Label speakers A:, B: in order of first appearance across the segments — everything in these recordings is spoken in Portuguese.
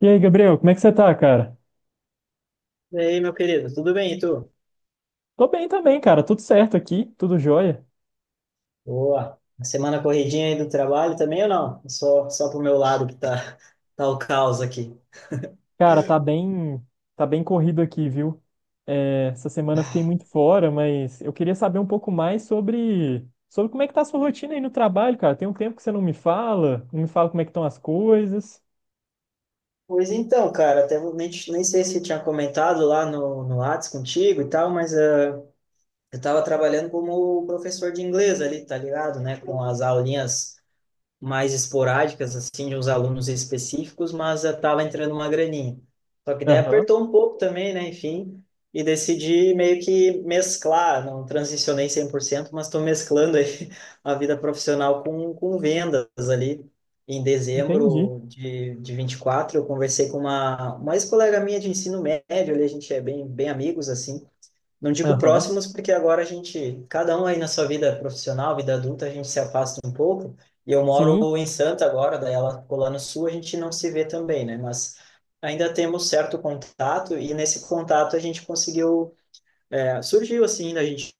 A: E aí, Gabriel, como é que você tá, cara?
B: E aí, meu querido, tudo bem, e tu?
A: Tô bem também, cara. Tudo certo aqui, tudo jóia.
B: Boa. A semana corridinha aí do trabalho também ou não? Só pro meu lado que tá, tá o caos aqui.
A: Cara, tá bem corrido aqui, viu? É, essa semana eu fiquei muito fora, mas eu queria saber um pouco mais sobre como é que tá a sua rotina aí no trabalho, cara. Tem um tempo que você não me fala, como é que estão as coisas.
B: Pois então, cara, até vou- nem, nem sei se tinha comentado lá no Whats contigo e tal, mas eu tava trabalhando como professor de inglês ali, tá ligado, né? Com as aulinhas mais esporádicas, assim, de uns alunos específicos, mas estava entrando uma graninha. Só que daí
A: Aham,
B: apertou um pouco também, né? Enfim, e decidi meio que mesclar, não transicionei 100% mas estou mesclando aí a vida profissional com, vendas ali. Em
A: entendi.
B: dezembro de 24 eu conversei com uma ex-colega minha de ensino médio, ali a gente é bem, bem amigos, assim, não digo
A: Aham,
B: próximos, porque agora a gente, cada um aí na sua vida profissional, vida adulta, a gente se afasta um pouco. E eu
A: sim.
B: moro em Santa agora, daí ela ficou lá no sul, a gente não se vê também, né? Mas ainda temos certo contato, e nesse contato a gente conseguiu, é, surgiu assim, da gente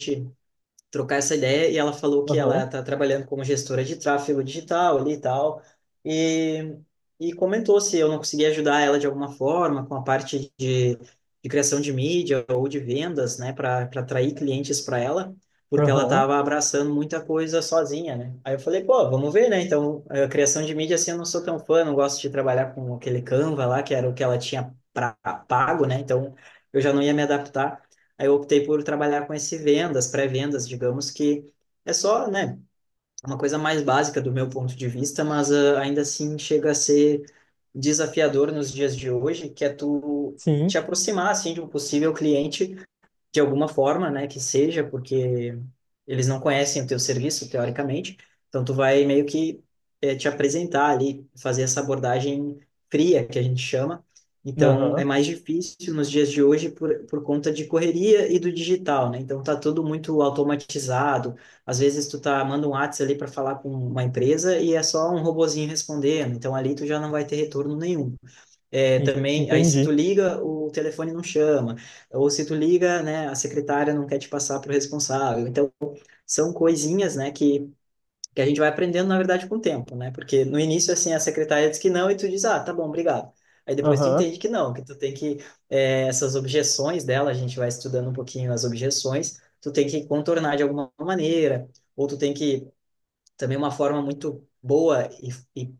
B: trocar essa ideia e ela falou que ela
A: Aham,
B: está trabalhando como gestora de tráfego digital ali e tal, e, e comentou se eu não conseguia ajudar ela de alguma forma com a parte de criação de mídia ou de vendas, né, para atrair clientes para ela, porque ela
A: aham,
B: estava abraçando muita coisa sozinha, né? Aí eu falei, pô, vamos ver, né? Então, a criação de mídia, assim, eu não sou tão fã, não gosto de trabalhar com aquele Canva lá, que era o que ela tinha pra, pago, né? Então, eu já não ia me adaptar. Aí eu optei por trabalhar com esse vendas, pré-vendas, digamos que é só, né, uma coisa mais básica do meu ponto de vista, mas ainda assim chega a ser desafiador nos dias de hoje, que é tu te
A: sim.
B: aproximar assim de um possível cliente de alguma forma, né, que seja, porque eles não conhecem o teu serviço, teoricamente, então tu vai meio que te apresentar ali, fazer essa abordagem fria, que a gente chama, então
A: Aham,
B: é mais difícil nos dias de hoje por, conta de correria e do digital, né, então tá tudo muito automatizado, às vezes tu tá, manda um WhatsApp ali para falar com uma empresa e é só um robozinho respondendo, então ali tu já não vai ter retorno nenhum. É,
A: isso,
B: também, aí se tu
A: entendi.
B: liga, o telefone não chama, ou se tu liga, né, a secretária não quer te passar para o responsável. Então, são coisinhas, né, que a gente vai aprendendo, na verdade, com o tempo, né? Porque no início, assim, a secretária diz que não e tu diz, ah, tá bom, obrigado. Aí depois tu
A: Aham,
B: entende que não, que tu tem que, é, essas objeções dela, a gente vai estudando um pouquinho as objeções, tu tem que contornar de alguma maneira, ou tu tem que, também uma forma muito boa e, e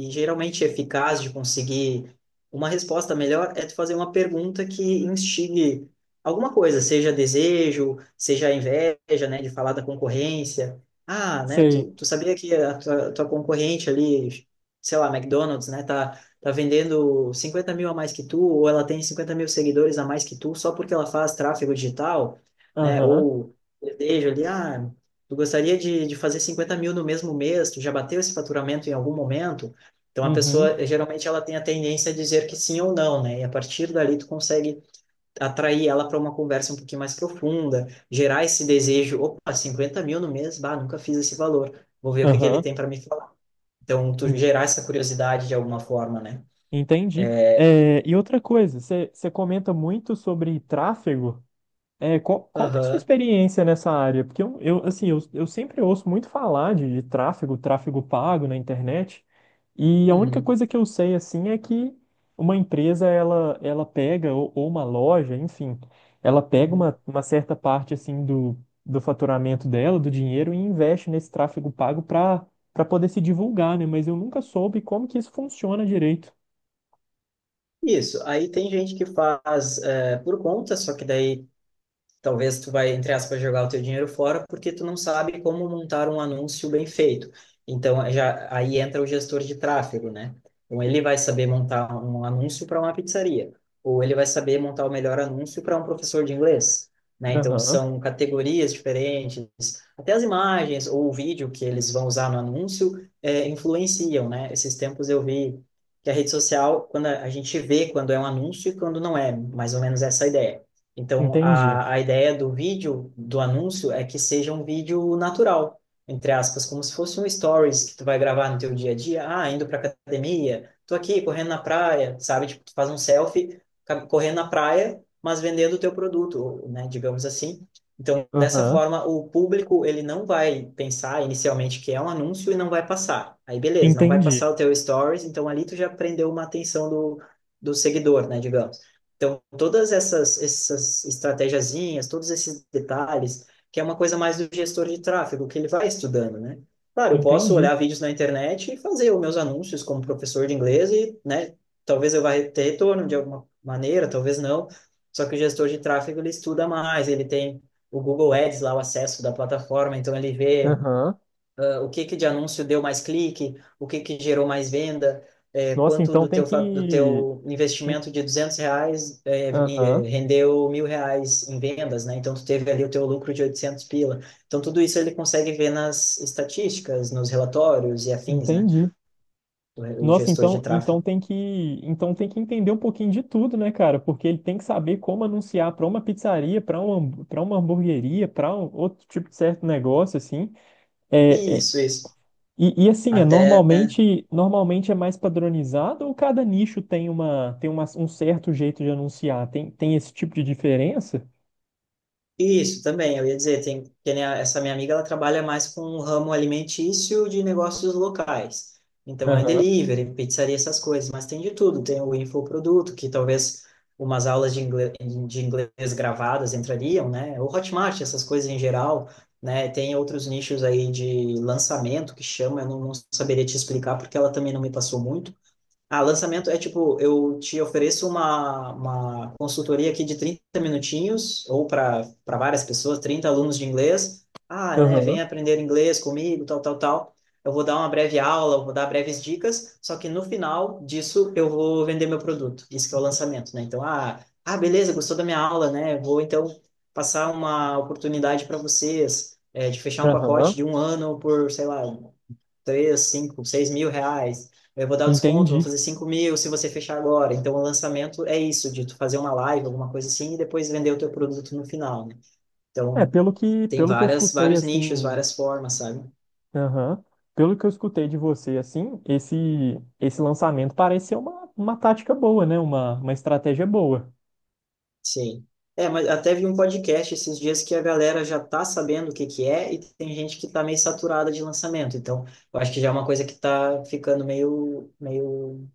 B: e geralmente eficaz de conseguir uma resposta melhor é tu fazer uma pergunta que instigue alguma coisa, seja desejo, seja inveja, né, de falar da concorrência. Ah, né,
A: sei.
B: tu, sabia que a tua concorrente ali, sei lá, McDonald's, né, tá vendendo 50 mil a mais que tu, ou ela tem 50 mil seguidores a mais que tu, só porque ela faz tráfego digital, né,
A: Aham,
B: ou desejo ali, ah, tu gostaria de fazer 50 mil no mesmo mês, tu já bateu esse faturamento em algum momento? Então a
A: uhum,
B: pessoa geralmente ela tem a tendência a dizer que sim ou não, né? E a partir dali tu consegue atrair ela para uma conversa um pouquinho mais profunda, gerar esse desejo, opa, 50 mil no mês, bah, nunca fiz esse valor, vou ver o que que ele
A: aham,
B: tem para me falar. Então tu gerar essa curiosidade de alguma forma, né?
A: entendi. É, e outra coisa, você comenta muito sobre tráfego. É, qual que é a sua
B: Aham.
A: experiência nessa área? Porque eu, assim, eu sempre ouço muito falar de tráfego, tráfego pago na internet. E a única
B: Uhum.
A: coisa que eu sei, assim, é que uma empresa, ela pega, ou uma loja, enfim, ela pega
B: Uhum.
A: uma certa parte, assim, do, do faturamento dela, do dinheiro, e investe nesse tráfego pago para poder se divulgar, né? Mas eu nunca soube como que isso funciona direito.
B: Isso. Aí tem gente que faz por conta, só que daí talvez tu vai, entre aspas, jogar o teu dinheiro fora porque tu não sabe como montar um anúncio bem feito. Então, já aí entra o gestor de tráfego, né? Então, ele vai saber montar um anúncio para uma pizzaria, ou ele vai saber montar o melhor anúncio para um professor de inglês, né? Então,
A: Aham,
B: são categorias diferentes, até as imagens ou o vídeo que eles vão usar no anúncio é, influenciam, né? Esses tempos eu vi que a rede social, quando a gente vê quando é um anúncio e quando não é, mais ou menos essa a ideia então,
A: entendi.
B: a, ideia do vídeo, do anúncio, é que seja um vídeo natural, entre aspas, como se fosse um stories que tu vai gravar no teu dia a dia. Ah, indo pra academia, tô aqui correndo na praia, sabe? Tipo, tu faz um selfie correndo na praia, mas vendendo o teu produto, né? Digamos assim. Então, dessa
A: Aham,
B: forma, o público, ele não vai pensar inicialmente que é um anúncio e não vai passar. Aí, beleza, não vai passar
A: entendi.
B: o teu stories, então ali tu já prendeu uma atenção do, seguidor, né? Digamos. Então, todas essas estratégiazinhas, todos esses detalhes, que é uma coisa mais do gestor de tráfego, que ele vai estudando, né? Claro, eu posso
A: Entendi.
B: olhar vídeos na internet e fazer os meus anúncios como professor de inglês e, né, talvez eu vá ter retorno de alguma maneira, talvez não. Só que o gestor de tráfego, ele estuda mais, ele tem o Google Ads lá, o acesso da plataforma, então ele vê
A: Aham.
B: o que que de anúncio deu mais clique, o que que gerou mais venda, é,
A: Nossa,
B: quanto
A: então
B: do teu, fa- do teu
A: en-
B: investimento de R$ 200
A: Aham,
B: rendeu R$ 1.000 em vendas, né? Então, tu teve ali o teu lucro de 800 pila. Então, tudo isso ele consegue ver nas estatísticas, nos relatórios e afins, né?
A: entendi.
B: O, o
A: Nossa,
B: gestor de
A: então,
B: tráfego.
A: então tem que entender um pouquinho de tudo, né, cara? Porque ele tem que saber como anunciar para uma pizzaria, para uma hamburgueria, para um outro tipo de certo negócio assim. É, é-
B: Isso, isso.
A: e, e assim, é
B: Até
A: normalmente, normalmente é mais padronizado ou cada nicho tem uma, um certo jeito de anunciar? Tem esse tipo de diferença?
B: Isso também, eu ia dizer, tem, que nem essa minha amiga, ela trabalha mais com o ramo alimentício de negócios locais. Então é
A: Aham,
B: delivery, pizzaria, essas coisas, mas tem de tudo. Tem o infoproduto, que talvez umas aulas de inglês, gravadas entrariam, né? O Hotmart, essas coisas em geral, né? Tem outros nichos aí de lançamento que chama, eu não, saberia te explicar porque ela também não me passou muito lançamento é tipo, eu te ofereço uma consultoria aqui de 30 minutinhos, ou para várias pessoas, 30 alunos de inglês. Ah, né, vem
A: aham,
B: aprender inglês comigo, tal, tal, tal. Eu vou dar uma breve aula, eu vou dar breves dicas, só que no final disso eu vou vender meu produto. Isso que é o lançamento, né? Então, beleza, gostou da minha aula, né? Vou então passar uma oportunidade para vocês, é, de fechar um pacote
A: aham,
B: de um ano por, sei lá, três, cinco, seis mil reais. Eu vou dar o desconto, vou
A: entendi.
B: fazer 5.000 se você fechar agora. Então, o lançamento é isso, de tu fazer uma live, alguma coisa assim, e depois vender o teu produto no final, né?
A: É,
B: Então,
A: pelo que,
B: tem
A: pelo que eu
B: várias,
A: escutei
B: vários nichos,
A: assim,
B: várias formas, sabe?
A: aham, pelo que eu escutei de você assim, esse lançamento parece ser uma tática boa, né? Uma estratégia boa
B: Sim. É, mas até vi um podcast esses dias que a galera já tá sabendo o que que é e tem gente que tá meio saturada de lançamento. Então, eu acho que já é uma coisa que tá ficando meio, meio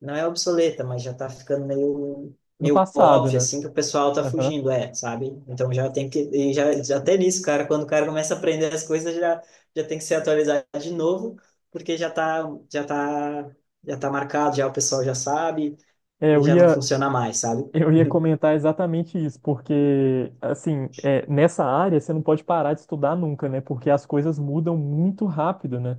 B: não é obsoleta, mas já tá ficando meio,
A: no
B: meio
A: passado,
B: óbvio,
A: né?
B: assim, que o pessoal tá
A: Aham.
B: fugindo, é, sabe? Então já tem que, e já até nisso, cara, quando o cara começa a aprender as coisas, já, já, tem que se atualizar de novo, porque já tá, já tá, já tá marcado, já o pessoal já sabe,
A: É,
B: e
A: eu
B: já não
A: ia
B: funciona mais, sabe?
A: Eu ia comentar exatamente isso, porque, assim, é, nessa área você não pode parar de estudar nunca, né? Porque as coisas mudam muito rápido, né?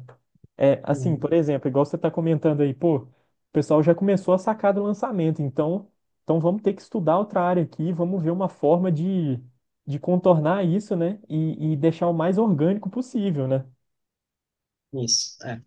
A: É, assim,
B: Uhum,
A: por exemplo, igual você está comentando aí, pô, o pessoal já começou a sacar do lançamento, então, vamos ter que estudar outra área aqui, vamos ver uma forma de contornar isso, né? E deixar o mais orgânico possível, né?
B: isso. é.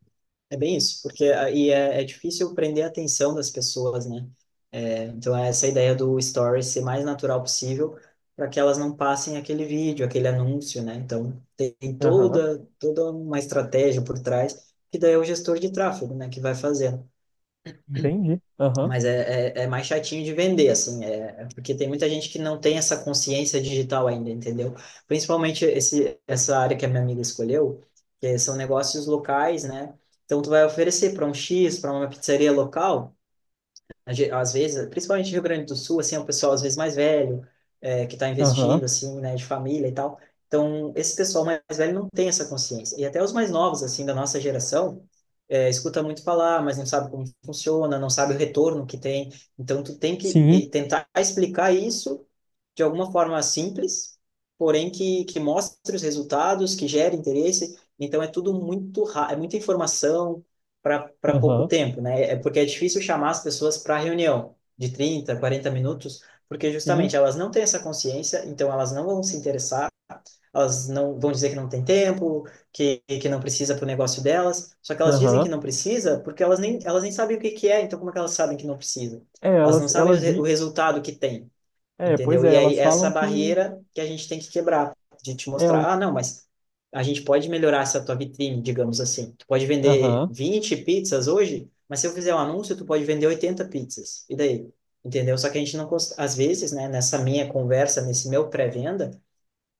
B: É bem isso, porque aí é difícil prender a atenção das pessoas, né? É, então, é essa ideia do story ser mais natural possível para que elas não passem aquele vídeo, aquele anúncio, né? Então, tem
A: Aham,
B: toda, uma estratégia por trás, que daí é o gestor de tráfego, né, que vai fazer.
A: entendi. Aham,
B: Mas é, mais chatinho de vender, assim, é porque tem muita gente que não tem essa consciência digital ainda, entendeu? Principalmente esse, essa área que a minha amiga escolheu, que são negócios locais, né? Então, tu vai oferecer para um X, para uma pizzaria local, às vezes, principalmente Rio Grande do Sul, assim, é um pessoal às vezes mais velho, é, que está
A: aham,
B: investindo, assim, né, de família e tal. Então, esse pessoal mais velho não tem essa consciência. E até os mais novos, assim, da nossa geração, é, escuta muito falar, mas não sabe como funciona, não sabe o retorno que tem. Então, tu tem que
A: sim,
B: tentar explicar isso de alguma forma simples, porém que, mostre os resultados, que gere interesse. Então é tudo muito é muita informação para pouco
A: aham,
B: tempo, né? É porque é difícil chamar as pessoas para reunião de 30, 40 minutos, porque
A: sim,
B: justamente elas não têm essa consciência, então elas não vão se interessar, elas não vão dizer que não tem tempo, que, não precisa para o negócio delas. Só que elas dizem que
A: aham.
B: não precisa porque elas nem sabem o que que é, então como é que elas sabem que não precisa?
A: É,
B: Elas não
A: elas,
B: sabem o,
A: elas,
B: re- o resultado que tem.
A: É, pois
B: Entendeu?
A: é,
B: E aí,
A: elas
B: essa
A: falam que
B: barreira que a gente tem que quebrar, de te
A: ela,
B: mostrar, ah, não, mas a gente pode melhorar essa tua vitrine, digamos assim. Tu pode vender
A: aham,
B: 20 pizzas hoje, mas se eu fizer um anúncio, tu pode vender 80 pizzas. E daí? Entendeu? Só que a gente não, às vezes, né, nessa minha conversa, nesse meu pré-venda,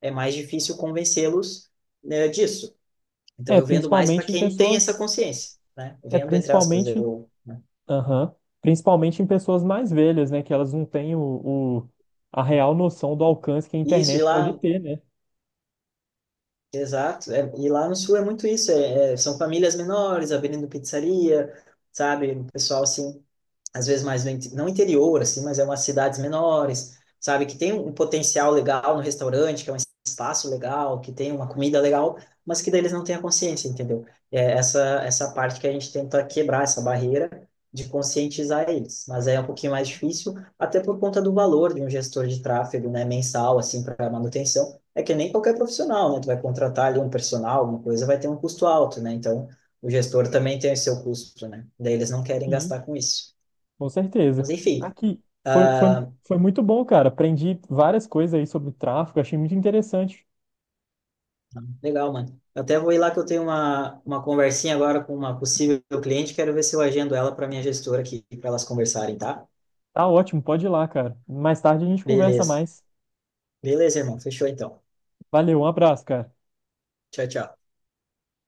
B: é mais difícil convencê-los, né, disso. Então,
A: é
B: eu vendo mais para
A: principalmente em
B: quem tem essa
A: pessoas,
B: consciência, né?
A: é
B: Vendo, entre aspas,
A: principalmente,
B: eu, né?
A: aham, principalmente em pessoas mais velhas, né, que elas não têm a real noção do alcance que a
B: Isso, e
A: internet
B: lá.
A: pode ter, né?
B: Exato. É, e lá no sul é muito isso. São famílias menores abrindo pizzaria, sabe? O pessoal assim às vezes mais no, não interior, assim, mas é umas cidades menores, sabe? Que tem um potencial legal no restaurante, que é um espaço legal, que tem uma comida legal, mas que daí eles não têm a consciência, entendeu? É essa, parte que a gente tenta quebrar, essa barreira de conscientizar eles. Mas é um pouquinho mais difícil, até por conta do valor de um gestor de tráfego, né, mensal, assim, para manutenção. É que nem qualquer profissional, né? Tu vai contratar ali um personal, alguma coisa, vai ter um custo alto, né? Então, o gestor também tem o seu custo, né? Daí eles não querem
A: Sim,
B: gastar com isso.
A: com
B: Mas
A: certeza.
B: enfim,
A: Aqui foi, foi muito bom, cara. Aprendi várias coisas aí sobre tráfego, achei muito interessante.
B: legal, mano. Eu até vou ir lá que eu tenho uma, conversinha agora com uma possível cliente, quero ver se eu agendo ela para minha gestora aqui, para elas conversarem, tá?
A: Tá ótimo, pode ir lá, cara. Mais tarde a gente conversa
B: Beleza.
A: mais.
B: Beleza, irmão. Fechou então.
A: Valeu, um abraço, cara.
B: Tchau, tchau.